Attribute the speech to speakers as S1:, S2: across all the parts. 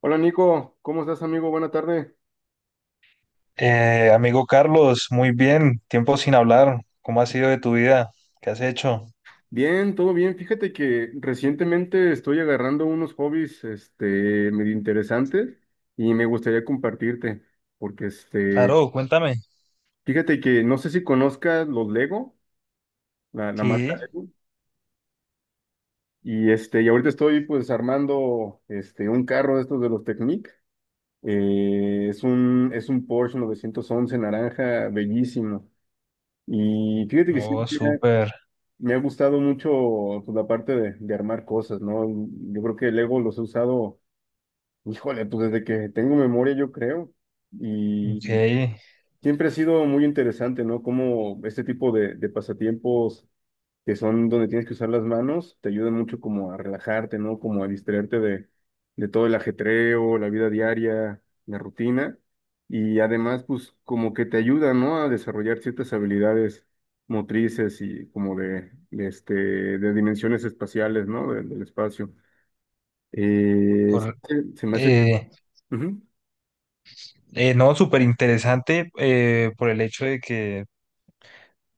S1: Hola Nico, ¿cómo estás, amigo? Buena tarde.
S2: Amigo Carlos, muy bien, tiempo sin hablar. ¿Cómo ha sido de tu vida? ¿Qué has hecho?
S1: Bien, todo bien. Fíjate que recientemente estoy agarrando unos hobbies, medio interesantes, y me gustaría compartirte, porque
S2: Claro, cuéntame.
S1: fíjate que no sé si conozcas los Lego, la marca
S2: Sí,
S1: Lego. Y y ahorita estoy, pues, armando, un carro de estos de los Technic. Es un Porsche 911, naranja, bellísimo. Y fíjate que sí.
S2: oh, súper,
S1: Me ha gustado mucho, pues, la parte de armar cosas, ¿no? Yo creo que Lego los he usado, híjole, pues desde que tengo memoria, yo creo.
S2: ok.
S1: Y siempre ha sido muy interesante, ¿no? Cómo este tipo de pasatiempos que son donde tienes que usar las manos te ayudan mucho, como a relajarte, ¿no? Como a distraerte de todo el ajetreo, la vida diaria, la rutina. Y además, pues, como que te ayuda, ¿no? A desarrollar ciertas habilidades motrices y como de dimensiones espaciales, ¿no? Del espacio. Eh,
S2: Cor-
S1: se se, me hace...
S2: eh,
S1: Ujú.
S2: no, súper interesante, por el hecho de que,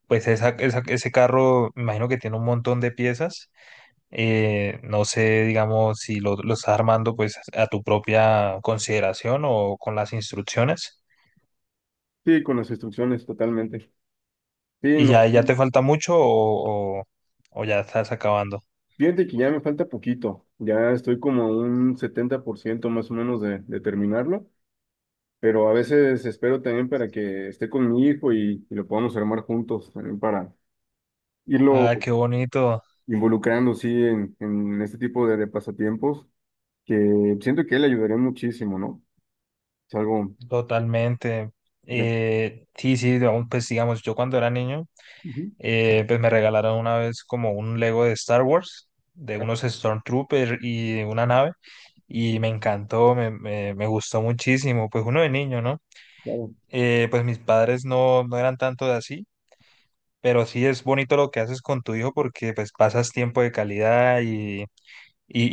S2: pues, ese carro, me imagino que tiene un montón de piezas. No sé, digamos, si lo estás armando, pues, a tu propia consideración o con las instrucciones.
S1: Sí, con las instrucciones, totalmente. Sí,
S2: ¿Y
S1: no.
S2: ya te falta mucho o ya estás acabando?
S1: Fíjate que ya me falta poquito. Ya estoy como a un 70%, más o menos, de terminarlo. Pero a veces espero también para que esté con mi hijo y, lo podamos armar juntos también para irlo
S2: Ah, qué bonito,
S1: involucrando, sí, en este tipo de pasatiempos, que siento que le ayudaría muchísimo, ¿no? Es algo...
S2: totalmente.
S1: Ya.
S2: Sí, sí, aún, pues digamos, yo cuando era niño,
S1: Ujú.
S2: pues me regalaron una vez como un Lego de Star Wars, de
S1: Ah,
S2: unos Stormtroopers y una nave, y me encantó, me gustó muchísimo, pues uno de niño, ¿no?
S1: claro.
S2: Pues mis padres no, no eran tanto de así, pero sí es bonito lo que haces con tu hijo porque pues pasas tiempo de calidad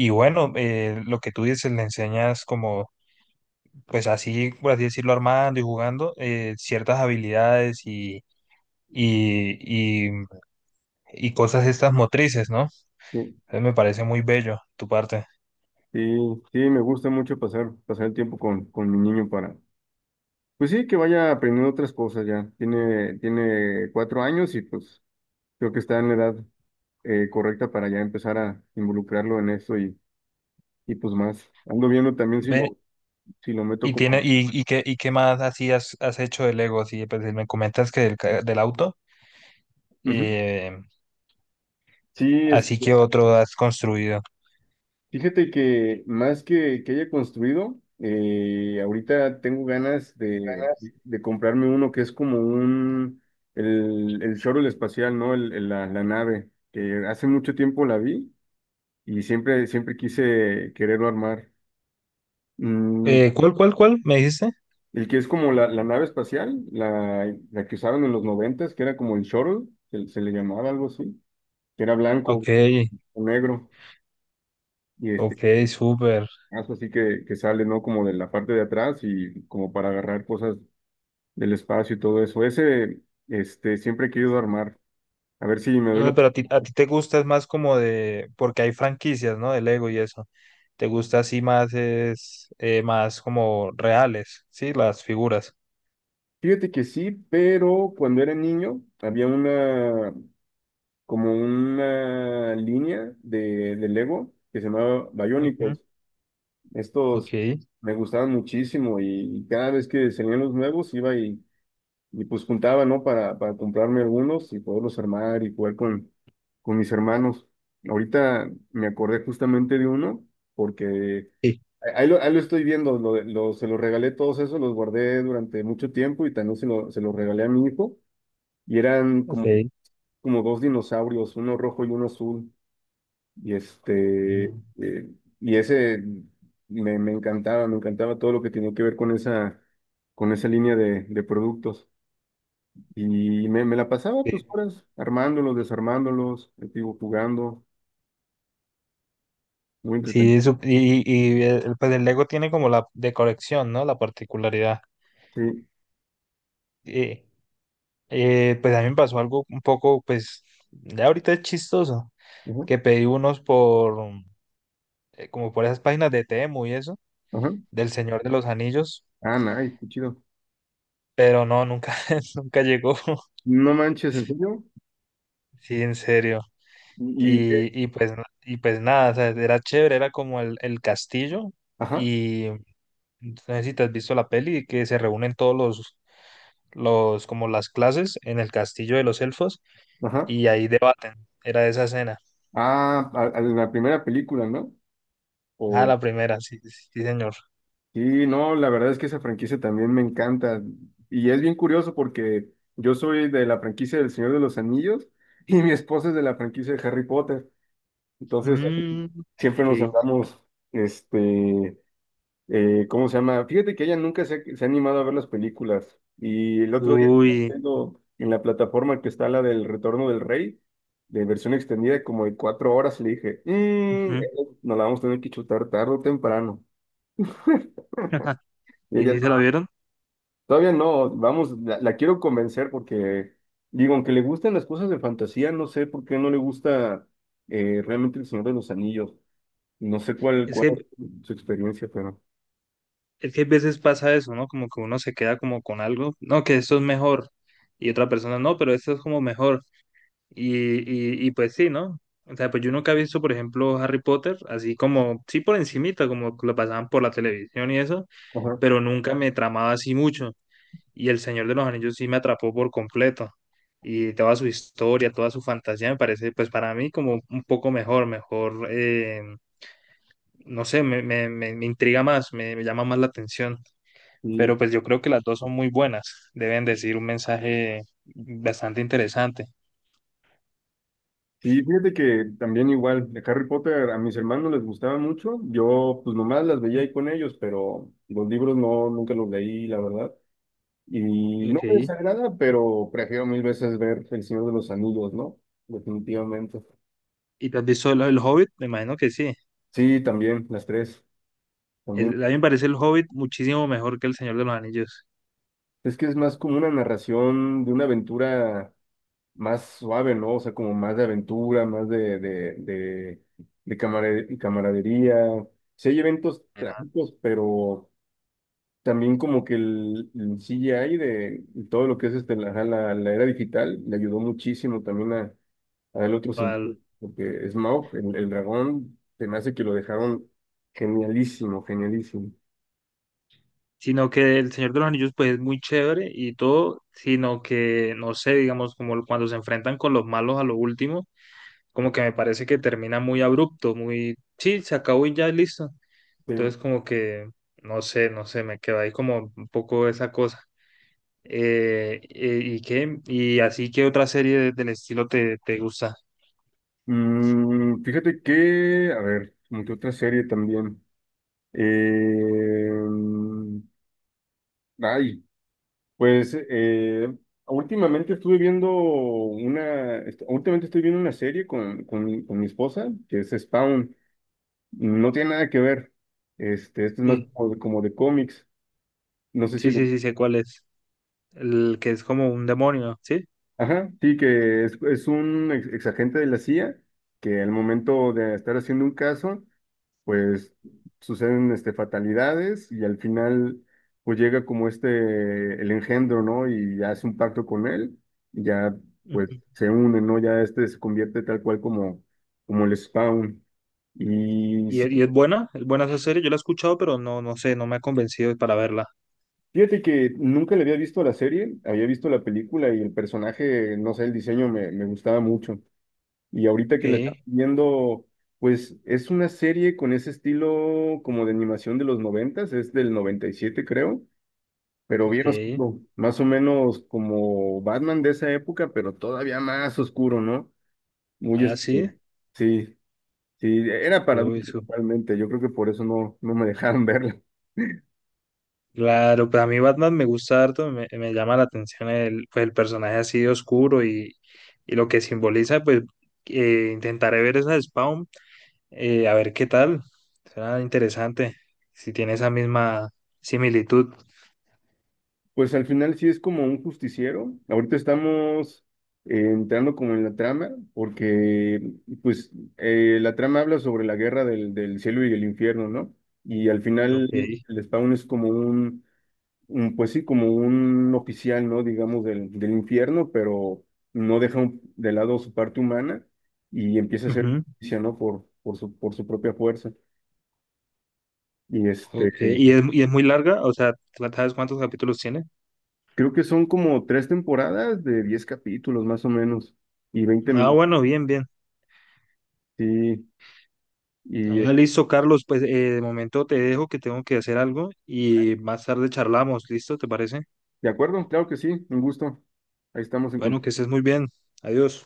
S2: y bueno, lo que tú dices, le enseñas como pues así, por así decirlo, armando y jugando, ciertas habilidades y, y, y cosas estas motrices, ¿no?
S1: Sí,
S2: Entonces me parece muy bello tu parte.
S1: sí, sí, me gusta mucho pasar, pasar el tiempo con mi niño para, pues sí, que vaya aprendiendo otras cosas ya. Tiene 4 años y, pues, creo que está en la edad correcta para ya empezar a involucrarlo en eso. Y, pues, más, ando viendo también
S2: Ven,
S1: si lo meto como...
S2: y qué más así has hecho de Lego, así, pues, me comentas que del, ca- del auto,
S1: Ujú.
S2: eh,
S1: Sí,
S2: así que otro has construido.
S1: fíjate que más que haya construido, ahorita tengo ganas de comprarme uno que es como un, el shuttle espacial, ¿no? La nave, que hace mucho tiempo la vi, y siempre, siempre quise quererlo armar. Mm,
S2: ¿Cuál, cuál, cuál? ¿Me dijiste?
S1: el que es como la nave espacial, la que usaron en los noventas, que era como el shuttle, se le llamaba algo así, que era
S2: Ok,
S1: blanco. O negro. Y
S2: ok, súper.
S1: caso así que sale, ¿no? Como de la parte de atrás y como para agarrar cosas del espacio y todo eso. Siempre he querido armar. A ver si me
S2: Ah,
S1: duelo.
S2: pero a ti te gusta es más como de, porque hay franquicias, ¿no? De Lego y eso. Te gusta así más es, más como reales, ¿sí? Las figuras.
S1: Fíjate que sí, pero cuando era niño había una, como una línea de Lego que se llamaba
S2: Ujú.
S1: Bionicles.
S2: Ok.
S1: Estos me gustaban muchísimo, y cada vez que salían los nuevos iba y, pues, juntaba, ¿no? Para comprarme algunos y poderlos armar y jugar con mis hermanos. Ahorita me acordé justamente de uno, porque
S2: Sí.
S1: ahí lo estoy viendo, se los regalé todos esos, los guardé durante mucho tiempo y también se los regalé a mi hijo. Y eran como,
S2: Ok.
S1: como dos dinosaurios, uno rojo y uno azul. Y
S2: Ujú.
S1: eh, ese me encantaba todo lo que tenía que ver con esa línea de productos. Y me la pasaba, pues,
S2: Sí,
S1: horas armándolos, desarmándolos, digo, jugando, muy
S2: sí,
S1: entretenido.
S2: pues el Lego tiene como la de colección, ¿no? La particularidad.
S1: Sí,
S2: Eh, pues a mí me pasó algo un poco, pues, ya ahorita es chistoso,
S1: ajá,
S2: que pedí unos por, como por esas páginas de Temu y eso,
S1: ajá.
S2: del Señor de los Anillos.
S1: Ah, nice, qué chido.
S2: Pero no, nunca, nunca llegó.
S1: No manches, ¿en serio?
S2: Sí, en serio.
S1: Y, y-
S2: Y pues nada, o sea, era chévere, era como el castillo.
S1: ajá,
S2: Y no sé si te has visto la peli, que se reúnen todos como las clases en el castillo de los elfos
S1: ajá.
S2: y ahí debaten. Era esa escena.
S1: Ah, a la primera película, ¿no?
S2: Ah,
S1: O,
S2: la primera, sí, sí, sí, señor.
S1: sí, no, la verdad es que esa franquicia también me encanta. Y es bien curioso porque yo soy de la franquicia del Señor de los Anillos y mi esposa es de la franquicia de Harry Potter. Entonces,
S2: Mm,
S1: siempre
S2: ok.
S1: nos andamos, este ¿cómo se llama? Fíjate que ella nunca se ha animado a ver las películas. Y el otro día estaba
S2: Uy.
S1: viendo en la plataforma que está la del Retorno del Rey, de versión extendida, como de 4 horas, y le dije: "Mm,
S2: Ujú.
S1: nos la vamos a tener que chutar tarde o temprano". Y
S2: ¿Y
S1: ella:
S2: si se
S1: "No,
S2: la vieron?
S1: todavía no". Vamos, la quiero convencer porque, digo, aunque le gustan las cosas de fantasía, no sé por qué no le gusta, realmente, El Señor de los Anillos. No sé
S2: Es
S1: cuál
S2: que
S1: es su experiencia, pero...
S2: Es que a veces pasa eso, ¿no? Como que uno se queda como con algo, no, que esto es mejor, y otra persona no, pero esto es como mejor. Y pues sí, ¿no? O sea, pues yo nunca he visto, por ejemplo, Harry Potter, así como, sí por encimita, como lo pasaban por la televisión y eso,
S1: Ajá.
S2: pero nunca me tramaba así mucho. Y El Señor de los Anillos sí me atrapó por completo. Y toda su historia, toda su fantasía me parece, pues para mí como un poco mejor, mejor, no sé, me intriga más, me llama más la atención, pero pues yo creo que las dos son muy buenas, deben decir un mensaje bastante interesante.
S1: Sí, fíjate que también igual, de Harry Potter, a mis hermanos les gustaba mucho. Yo, pues, nomás las veía ahí con ellos, pero los libros no, nunca los leí, la verdad, y no me
S2: Ok.
S1: desagrada, pero prefiero mil veces ver El Señor de los Anillos, ¿no? Definitivamente.
S2: ¿Y te has visto el Hobbit? Me imagino que sí.
S1: Sí, también, las tres, también.
S2: El- a mí me parece el Hobbit muchísimo mejor que el Señor de los Anillos.
S1: Es que es más como una narración de una aventura más suave, ¿no? O sea, como más de aventura, más de camaradería. Sí hay eventos trágicos, pero... También como que el CGI de todo lo que es ajá, la era digital le ayudó muchísimo también a el otro sentido,
S2: Actual.
S1: porque Smaug, el dragón, se me hace que lo dejaron genialísimo, genialísimo.
S2: Sino que el Señor de los Anillos pues es muy chévere y todo, sino que no sé, digamos, como cuando se enfrentan con los malos a lo último, como que me parece que termina muy abrupto, muy, sí, se acabó y ya listo.
S1: Sí.
S2: Entonces como que, no sé, me queda ahí como un poco esa cosa. ¿Y qué? ¿Y así qué otra serie de- del estilo te gusta?
S1: Fíjate que, a ver, como que otra serie también. Eh, mm, ay, pues, últimamente estuve viendo una, últimamente estoy viendo una serie con, mi esposa, que es Spawn. No tiene nada que ver. Este es más
S2: Sí,
S1: como de cómics. No sé si
S2: sí, sí,
S1: lo...
S2: sí, sé cuál es. El que es como un demonio, ¿sí?
S1: Ajá, sí, que es un exagente de la CIA que, al momento de estar haciendo un caso, pues, suceden, fatalidades, y al final, pues, llega como el engendro, ¿no? Y hace un pacto con él, y ya, pues,
S2: Ujú.
S1: se une, ¿no? Ya se convierte tal cual como, como el Spawn. Y sí,
S2: ¿Y es buena? ¿Es buena esa serie? Yo la he escuchado, pero no, no sé, no me ha convencido para verla.
S1: fíjate que nunca le había visto la serie, había visto la película y el personaje, no sé, el diseño me gustaba mucho. Y ahorita
S2: Ok,
S1: que le estaba viendo, pues, es una serie con ese estilo como de animación de los noventas, es del noventa y siete, creo, pero bien
S2: ok.
S1: oscuro, más o menos como Batman de esa época, pero todavía más oscuro, ¿no? Muy
S2: Ah, sí.
S1: sí, sí, era para
S2: Uy,
S1: adultos
S2: su-
S1: totalmente. Yo creo que por eso no, no me dejaron verla.
S2: claro, pues a mí Batman me gusta harto, me llama la atención el, pues el personaje así oscuro y lo que simboliza, pues, intentaré ver esa de Spawn. A ver qué tal. Será interesante si tiene esa misma similitud.
S1: Pues al final sí es como un justiciero. Ahorita estamos entrando como en la trama, porque, pues, la trama habla sobre la guerra del cielo y el infierno, ¿no? Y al final
S2: Ok.
S1: el Spawn es como pues sí, como un oficial, ¿no? Digamos del infierno, pero no deja de lado su parte humana y empieza a hacer
S2: Ujú.
S1: justicia, ¿no? Por su propia fuerza. Y
S2: Ok. Y es muy larga? O sea, ¿sabes cuántos capítulos tiene?
S1: creo que son como tres temporadas de 10 capítulos, más o menos, y 20
S2: Ah,
S1: minutos.
S2: bueno, bien, bien.
S1: Sí,
S2: Ah,
S1: y
S2: listo, Carlos. Pues, de momento te dejo que tengo que hacer algo y más tarde charlamos. ¿Listo? ¿Te parece?
S1: de acuerdo, claro que sí. Un gusto. Ahí estamos en
S2: Bueno, que
S1: contacto.
S2: estés muy bien. Adiós.